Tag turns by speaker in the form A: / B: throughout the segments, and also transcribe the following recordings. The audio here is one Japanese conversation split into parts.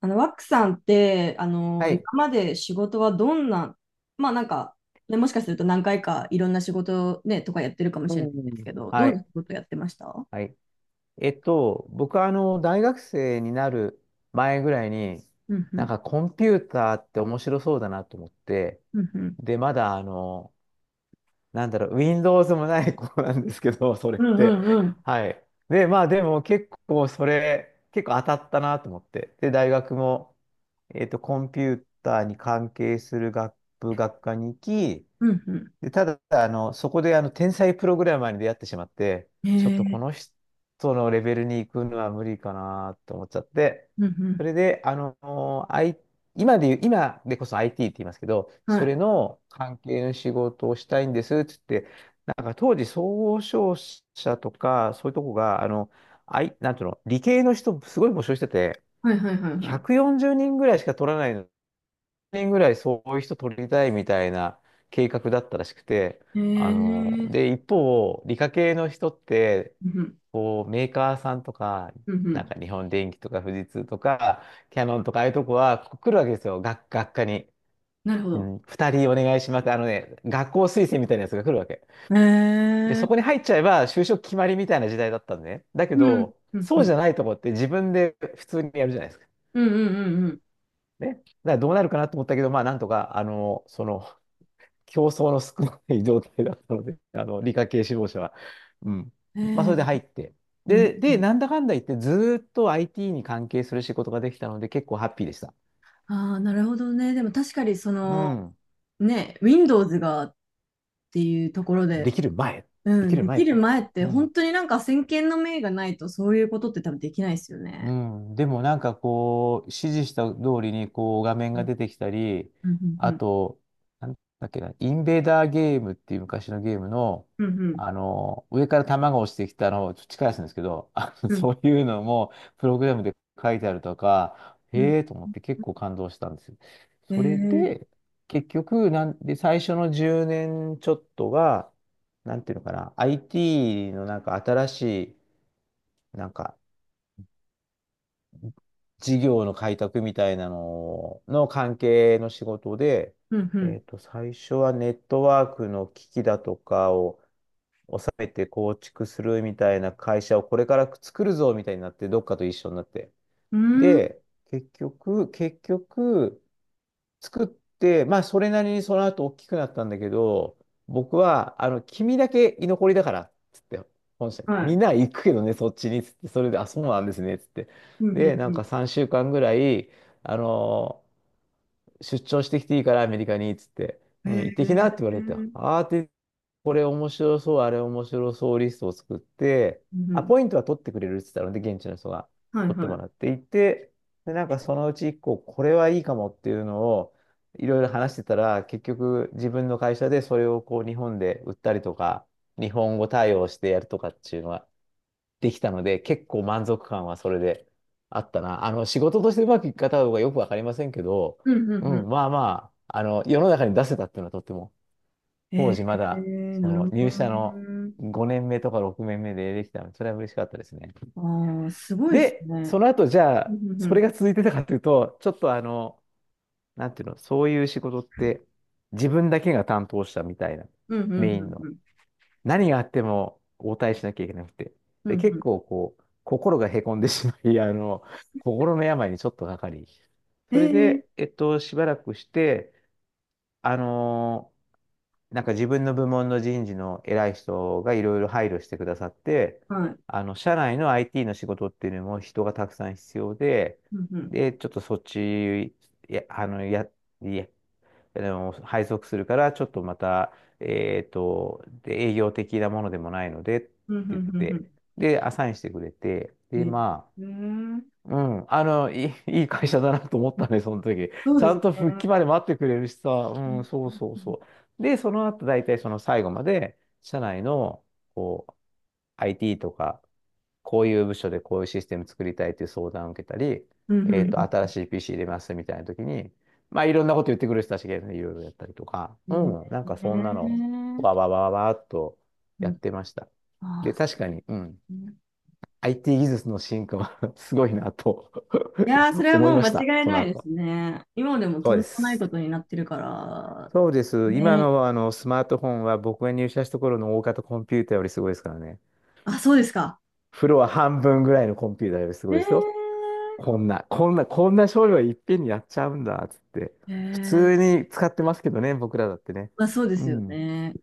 A: ワックさんって、
B: は
A: 今
B: い。
A: まで仕事はどんな、まあなんか、ね、もしかすると何回かいろんな仕事ね、とかやってるかもし
B: う
A: れないんです
B: ん。
A: けど、ど
B: は
A: んな仕
B: い。
A: 事やってました？
B: はい。僕は大学生になる前ぐらいに、
A: うんう
B: なん
A: ん。
B: かコンピューターって面白そうだなと思って、
A: うんうん。
B: で、まだWindows もない子なんですけど、それっ
A: うんう
B: て。
A: んうん。
B: はい。で、まあでも結構当たったなと思って。で、大学も、コンピューターに関係する学部学科に行き、
A: うん
B: で、ただ、そこで、天才プログラマーに出会ってしまって、
A: うん。
B: ちょっと
A: へ
B: この
A: え。
B: 人のレベルに行くのは無理かなと思っちゃって、
A: うんう
B: そ
A: ん。
B: れで、今で言う、今でこそ IT って言いますけど、
A: は
B: それ
A: い。
B: の関係の仕事をしたいんですって言って、なんか当時、総商社とか、そういうとこが、なんていうの、理系の人、すごい募集してて、
A: はいはいはいは
B: 140人ぐらいしか取らないの人ぐらいそういう人取りたいみたいな計画だったらしくて、
A: い。へえ。う
B: で、一方、理科系の人って、
A: んうん。
B: こう、メーカーさんとか、
A: うんう
B: なん
A: ん。
B: か日本電機とか富士通とか、キヤノンとかああいうとこはこう来るわけですよ、学科に。
A: なるほ
B: う
A: ど。
B: ん、2人お願いします。あのね、学校推薦みたいなやつが来るわけ。
A: へ
B: で、
A: え。
B: そこに入っちゃえば就職決まりみたいな時代だったんでね。だけ
A: うん。
B: ど、
A: うんう
B: そう
A: ん。
B: じゃないとこって自分で普通にやるじゃないですか。
A: うんうんうん
B: ね。だからどうなるかなと思ったけど、まあなんとか、その競争の少ない状態だったので、理科系志望者は。うん。
A: う
B: まあ、
A: ん。
B: そ
A: へ
B: れ
A: え。
B: で入って。
A: うん
B: で、
A: う
B: で、
A: ん。
B: なんだかんだ言って、ずーっと IT に関係する仕事ができたので、結構ハッピーでした。
A: ああ、なるほどね。でも確かにそ
B: う
A: の、
B: ん。
A: ね、Windows がっていうところ
B: で
A: で、
B: きる前。
A: う
B: でき
A: ん、
B: る
A: で
B: 前っ
A: きる
B: て。
A: 前って
B: う
A: 本
B: ん。
A: 当になんか先見の明がないとそういうことって多分できないですよ
B: う
A: ね。
B: ん、でもなんかこう、指示した通りにこう画面
A: う
B: が
A: ん、
B: 出てきたり、
A: うん、う
B: あ
A: ん、
B: と、なんだっけな、インベーダーゲームっていう昔のゲームの、
A: うん、
B: 上から弾が落ちてきたのをちょっと近いやつなんですけど、
A: うん、
B: そういうのもプログラムで書いてあるとか、
A: うん。
B: へえと思って結構感動したんですよ。
A: え
B: それ
A: ー、
B: で、結局、なんで、最初の10年ちょっとが、なんていうのかな、IT のなんか新しい、なんか事業の開拓みたいなのの関係の仕事で、
A: うん、
B: 最初はネットワークの機器だとかを収めて構築するみたいな会社をこれから作るぞみたいになって、どっかと一緒になって。
A: うん、うーん、
B: で、結局、作って、まあ、それなりにその後大きくなったんだけど、僕は、君だけ居残りだから、つって、本社行って、
A: は
B: み
A: い。
B: んなは行くけどね、そっちに、つって、それで、あ、そうなんですね、つって。
A: うん、
B: で、な
A: う
B: ん
A: ん、
B: か3週間ぐらい、あの出張してきていいから、アメリカに、つって、
A: うん。
B: う
A: へ
B: ん、行ってきなって言わ
A: え
B: れて、
A: ー、
B: あーってこれ面白そう、あれ面白そうリストを作って、
A: うん、う
B: ア
A: ん、
B: ポイントは取ってくれるって言ったので、現地の人が
A: はい
B: 取って
A: は
B: も
A: い。
B: らっていて、で、なんかそのうち1個、これはいいかもっていうのをいろいろ話してたら、結局自分の会社でそれをこう日本で売ったりとか、日本語対応してやるとかっていうのはできたので、結構満足感はそれであったな。仕事としてうまくいく方とかよくわかりませんけど、
A: うん、う
B: う
A: ん、う
B: ん、
A: ん。
B: まあまあ、世の中に出せたっていうのはとっても
A: へ
B: 当
A: え
B: 時まだ、
A: ー、
B: そ
A: なる
B: の
A: ほ
B: 入
A: ど
B: 社の
A: ね。
B: 5年目とか6年目でできたので、それは嬉しかったですね。
A: ああ、すごいです
B: で、
A: ね。
B: その後、じゃ
A: う
B: あ、
A: ん、う
B: それ
A: ん、
B: が続いてたかというと、ちょっとなんていうの、そういう仕事って、自分だけが担当したみたいな、
A: うん、うん、
B: メインの。
A: うん、
B: 何があっても応対しなきゃいけなくて。
A: うん、う
B: で、
A: ん。う
B: 結
A: ん
B: 構こう、心がへこんでしまい、心の病にちょっとかかり。
A: え
B: それ
A: え、
B: で、しばらくして、あのなんか自分の部門の人事の偉い人がいろいろ配慮してくださって、
A: はい。
B: 社内の IT の仕事っていうのも人がたくさん必要で、
A: うん、うん、
B: で、ちょっとそっち、いや、あの、や、いや、あの、配属するから、ちょっとまた、で、営業的なものでもないので、って
A: うん、うん、
B: 言っ
A: うん。
B: て、で、アサインしてくれて、
A: う
B: で、
A: ん
B: ま
A: えー、
B: うん、あの、いい、いい会社だなと思ったね、その時。
A: そう
B: ち
A: で
B: ゃ
A: す
B: んと復
A: ね。
B: 帰まで待ってくれるしさ、
A: う
B: う
A: ん、
B: ん、そうそうそう。で、その後、大体その最後まで、社内の、こう、IT とか、こういう部署でこういうシステム作りたいという相談を受けたり、
A: うん、う
B: 新
A: ん。
B: しい PC 入れますみたいな時に、まあ、いろんなこと言ってくる人たちがいるのでいろいろやったりとか、
A: う
B: う
A: んね
B: ん、なんかそんなのを、わ
A: え
B: わわわわっと
A: う
B: やっ
A: ん。
B: てました。
A: あ
B: で、
A: あ、そ
B: 確かに、うん、
A: うね。
B: IT 技術の進化は すごいなと
A: いやー、それ は
B: 思
A: も
B: い
A: う
B: ま
A: 間
B: した、
A: 違い
B: そ
A: な
B: の
A: いで
B: 後。
A: すね。今でも
B: そ
A: と
B: う
A: ん
B: で
A: でもない
B: す。
A: ことになってるから、
B: そうです。今
A: ねえ。
B: の、あのスマートフォンは僕が入社した頃の大型コンピューターよりすごいですからね。
A: あ、そうですか。
B: フロア半分ぐらいのコンピューターよりすごいですよ。
A: ええ
B: こんな、こんな、こんな処理をいっぺんにやっちゃうんだ、つって。普
A: え
B: 通
A: え、
B: に使ってますけどね、僕らだってね。
A: まあ、そうで
B: う
A: すよ
B: ん、
A: ね。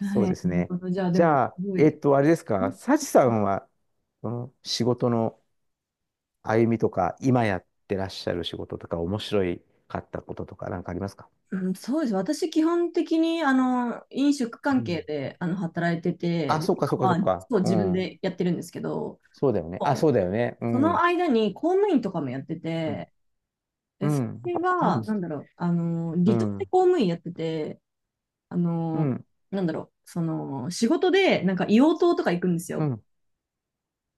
A: は
B: そうで
A: い。
B: す
A: なる
B: ね。
A: ほど。じゃあ、で
B: じ
A: も、す
B: ゃあ、
A: ごい。
B: あれですか、サチさんは、その仕事の歩みとか、今やってらっしゃる仕事とか、面白いかったこととか、なんかありますか？
A: うん、そうです。私、基本的に、飲食
B: う
A: 関係
B: ん。
A: で、働いてて、
B: あ、
A: で、
B: そっかそっかそ
A: ま
B: っ
A: あ、
B: か。
A: そう、
B: う
A: 自分
B: ん。
A: でやってるんですけど、
B: そうだよね。あ、そうだよね。う
A: その
B: ん。
A: 間に公務員とかもやって
B: うん。
A: て、
B: う
A: で、そ
B: ん。
A: れ
B: う
A: は、離島で
B: ん。
A: 公務員やってて、あ
B: う
A: の、
B: ん。
A: その、仕事で、なんか硫黄島とか行くんです
B: う
A: よ。
B: ん。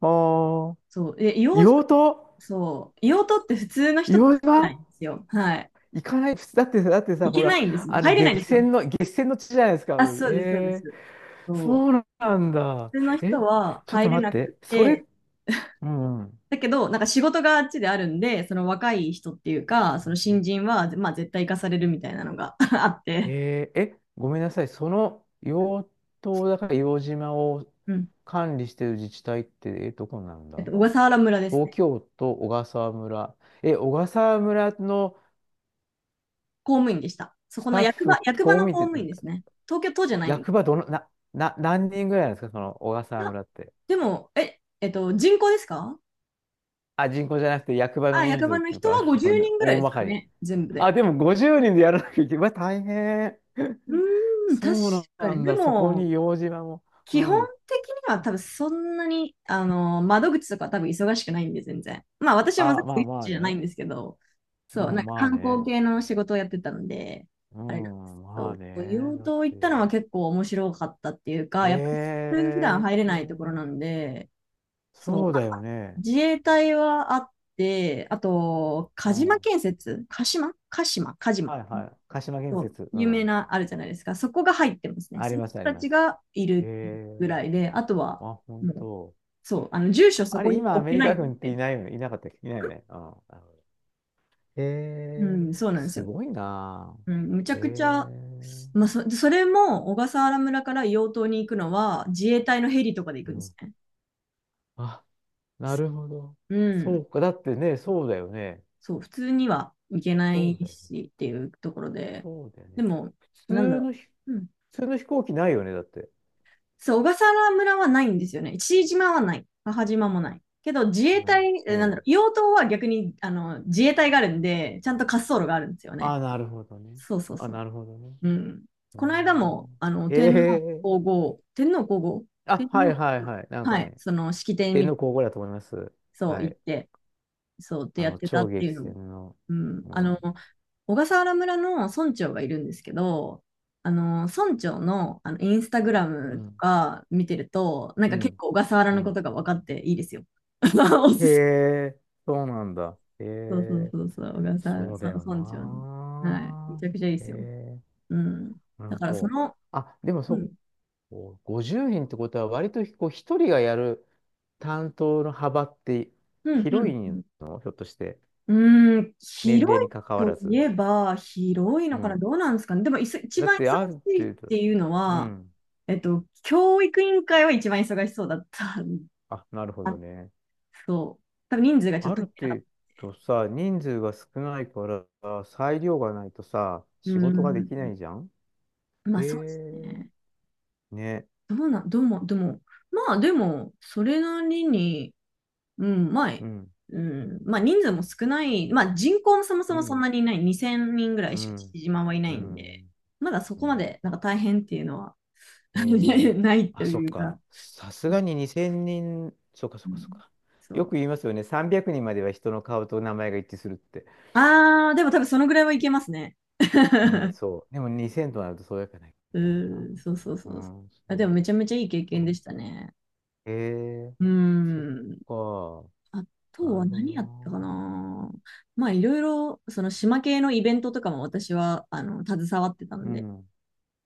B: あー
A: そう。で、硫黄島、
B: 硫黄島。
A: そう、硫黄島って普通の
B: 硫
A: 人と
B: 黄
A: 入れな
B: 島
A: いんですよ。はい。
B: 行かない。普通だってさ、
A: 行
B: ほ
A: け
B: ら、
A: ないんですよ。入れないん
B: 激
A: ですよ。
B: 戦の、激戦の地じゃないですか。
A: あ、
B: うん
A: そうです、そうです。そう。
B: そうなんだ。
A: 普通の
B: え、
A: 人は
B: ちょっ
A: 入
B: と
A: れ
B: 待っ
A: なく
B: て。それ、
A: て、
B: うん。うん
A: だけど、なんか仕事があっちであるんで、その若い人っていうか、その新人は、まあ絶対行かされるみたいなのが あって。
B: えーえ、ごめんなさい。その養島だから硫黄島を
A: うん、
B: 管理している自治体って、どこなん
A: えっ
B: だ？
A: と、小笠原村です
B: 東
A: ね。
B: 京都小笠原村。え、小笠原村の
A: 公務員でした。そ
B: ス
A: この
B: タッ
A: 役場、
B: フ、
A: 役場
B: こう
A: の
B: 見
A: 公
B: て、
A: 務員ですね。東京都じゃないんです。
B: 役場どの、何人ぐらいなんですかその小笠
A: い
B: 原
A: や、
B: 村って？
A: でも、え、えっと、人口ですか？
B: あ、人口じゃなくて役場の
A: あ、
B: 人
A: 役
B: 数
A: 場
B: っ
A: の
B: ていう
A: 人
B: か、
A: は 50人ぐらい
B: 大
A: です
B: ま
A: か
B: かに。
A: ね、全部で。
B: あ、でも50人でやらなきゃいけない。うわ、大変。
A: う ーん、確
B: そう
A: か
B: な
A: に。
B: ん
A: で
B: だ。そこ
A: も、
B: に硫黄島も。う
A: 基本
B: ん。
A: 的には多分そんなに、窓口とか多分忙しくないんで、全然。まあ私は窓
B: あ、まあ
A: 口
B: まあ
A: じゃないん
B: ね。
A: ですけど、
B: う
A: そう、なん
B: ん、
A: か
B: まあ
A: 観光
B: ね。
A: 系の仕事をやってたので、
B: う
A: あれなんですけ
B: ん、まあ
A: ど、
B: ね。
A: 硫黄
B: だっ
A: 島行ったの
B: て、
A: は結構面白かったっていうか、やっぱ
B: え
A: 普通普段入れないところ
B: え、
A: なんで、そう、
B: そう
A: ま
B: だよ
A: あ
B: ね。
A: 自衛隊はあって、あと、
B: う
A: 鹿
B: ん。
A: 島
B: は
A: 建設、鹿島鹿島鹿
B: い
A: 島
B: はい。鹿島建
A: そう
B: 設。う
A: 有名
B: ん。
A: なあるじゃないですか。そこが入ってますね。
B: あ
A: そ
B: り
A: の
B: ます、
A: 人
B: あり
A: た
B: ま
A: ち
B: す。
A: がい
B: え
A: る
B: え、
A: ぐらいで、あとは、
B: あ、本
A: もう、
B: 当。
A: そう、住所そ
B: あ
A: こ
B: れ、
A: に
B: 今、ア
A: 置
B: メ
A: け
B: リ
A: ない
B: カ
A: ん
B: 軍ってい
A: で。
B: ないよね。いなかったっけ、いないよね。うん。なるほど。え
A: う
B: え、
A: ん、そうなんです
B: す
A: よ。
B: ごいな
A: うん、むちゃ
B: ぁ。え
A: くちゃ、
B: え、
A: まあ、そそれも小笠原村から硫黄島に行くのは自衛隊のヘリとかで行
B: う
A: くんです
B: ん。
A: ね。
B: あ、なるほど。
A: う
B: そ
A: ん。
B: うか。だってね、そうだよね。
A: そう、普通には行けな
B: そ
A: い
B: うだよね。
A: しっていうところで、
B: そうだよ
A: で
B: ね。
A: も、
B: 普
A: なんだ
B: 通
A: ろ
B: の飛
A: うん、
B: 普通の飛行機ないよね、だって。
A: そう、小笠原村はないんですよね。父島はない。母島もない。けど、自衛
B: う
A: 隊、
B: んう
A: え、
B: ん。
A: 硫黄島は逆にあの自衛隊があるんで、ちゃんと滑走路があるんですよね。
B: あ、なるほどね。
A: そうそう
B: あ、
A: そう。
B: なるほどね。
A: うん。
B: うー
A: この間も、
B: ん。へ
A: 天皇
B: え。
A: 皇后、天皇皇后、
B: あ、
A: 天
B: は
A: 皇、
B: いはいはい。なん
A: は
B: か
A: い、
B: ね、
A: その式典
B: 天
A: に、
B: 皇皇后だと思います。
A: そう、
B: は
A: 行っ
B: い。
A: て、そうってやってた
B: 超
A: ってい
B: 激
A: うのも。
B: 戦の。
A: うん。
B: うん。
A: 小笠原村の村長がいるんですけど、村長の、あのインスタグラ
B: う
A: ムと
B: ん。
A: か見てると、なん
B: う
A: か結
B: ん。
A: 構小笠原
B: う
A: のこ
B: ん。
A: とが分かっていいですよ。お
B: へ
A: すす、
B: え、そうなんだ。へ
A: そうそう
B: え、
A: そうそう、小笠原、
B: そう
A: そ
B: だ
A: う、
B: よ
A: 村長の。はい。め
B: な。
A: ちゃくちゃいいで
B: へ
A: すよ。
B: え、
A: うん。
B: う
A: だ
B: ん
A: からそ
B: と。
A: の、
B: あ、でもそ
A: う
B: っ
A: ん、
B: こう50人ってことは割とこう一人がやる担当の幅って
A: うん、う
B: 広い
A: ん。
B: の？ひょっとして。
A: うん、うん
B: 年
A: 広
B: 齢
A: い
B: に関わ
A: と
B: ら
A: い
B: ず。
A: えば、広い
B: う
A: のかな、
B: ん。
A: どうなんですかね。でも、いそ一
B: だっ
A: 番忙
B: てある
A: しいっ
B: 程度。
A: ていうの
B: う
A: は、
B: ん。
A: えっと、教育委員会は一番忙しそうだった。
B: あ、なる ほ
A: あ、
B: どね。
A: そう。多分人数がちょ
B: あ
A: っと足
B: る
A: りなか
B: 程
A: った。
B: 度さ、人数が少ないから裁量がないとさ、
A: う
B: 仕事がで
A: ん。
B: きないじゃん。
A: まあ
B: へ
A: そうですね。
B: え。ね。
A: どうな、どうも、でも、まあでも、それなりに、うん、まあ、
B: うん。
A: うん、まあ人数も少ない、まあ人口もそもそ
B: う
A: もそん
B: ん。
A: なにいない、2000人ぐらい
B: う
A: しか
B: ん。
A: 父島はいな
B: う
A: いんで、
B: ん。
A: まだそ
B: う
A: こま
B: ん
A: でなんか大変っていうのは
B: えー、
A: ないと
B: あ、そっ
A: いう
B: か。
A: か、
B: さすがに2000人、そっかそ
A: う
B: っか
A: ん、
B: そっか。
A: そ
B: よ
A: う。
B: く言いますよね。300人までは人の顔と名前が一致するって。
A: ああ、でも多分そのぐらいはいけますね。
B: ね、そう。でも2000となるとそうやかないと
A: う
B: いけないな。
A: ー、そうそうそ
B: う
A: うそう。
B: ん、
A: あ、でも
B: そう、
A: めちゃめちゃいい経
B: そ
A: 験で
B: う。
A: したね。
B: えー、
A: うー
B: そっ
A: ん。あ
B: か。
A: と
B: な
A: は
B: るほ
A: 何
B: ど
A: やったか
B: な。
A: な。まあいろいろ、その島系のイベントとかも私は、携わってた
B: う
A: ので、
B: ん、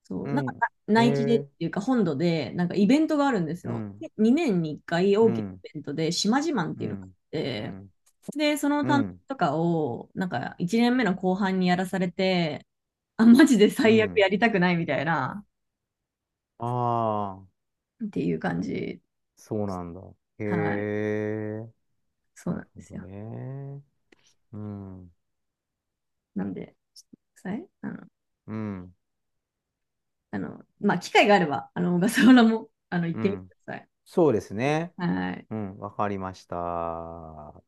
A: そ
B: う
A: う、なんか
B: ん、
A: な
B: え
A: 内地でって
B: ー、
A: いうか本土で、なんかイベントがあるんです
B: う
A: よ。
B: ん、
A: で、2年に1回
B: う
A: 大きな
B: ん、
A: イベントで、島自慢っ
B: う
A: ていうのがあっ
B: ん、う
A: て、
B: ん、
A: で、その
B: う
A: 担当
B: ん、
A: とかを、なんか1年目の後半にやらされて、あ、マジで
B: う
A: 最悪
B: ん。
A: やりたくないみたいな、
B: ああ、
A: っていう感じ。
B: そうなんだ。へ
A: はい。
B: え、
A: そう
B: な
A: なん
B: る
A: で
B: ほ
A: す
B: ど
A: よ。
B: ね。うん、
A: なんで、ちょっとください。あの、
B: うん、
A: あのまあ、機会があれば、小笠原も、行っ
B: う
A: てみて
B: ん。
A: ください。
B: そうですね。
A: はい。
B: うん、わかりました。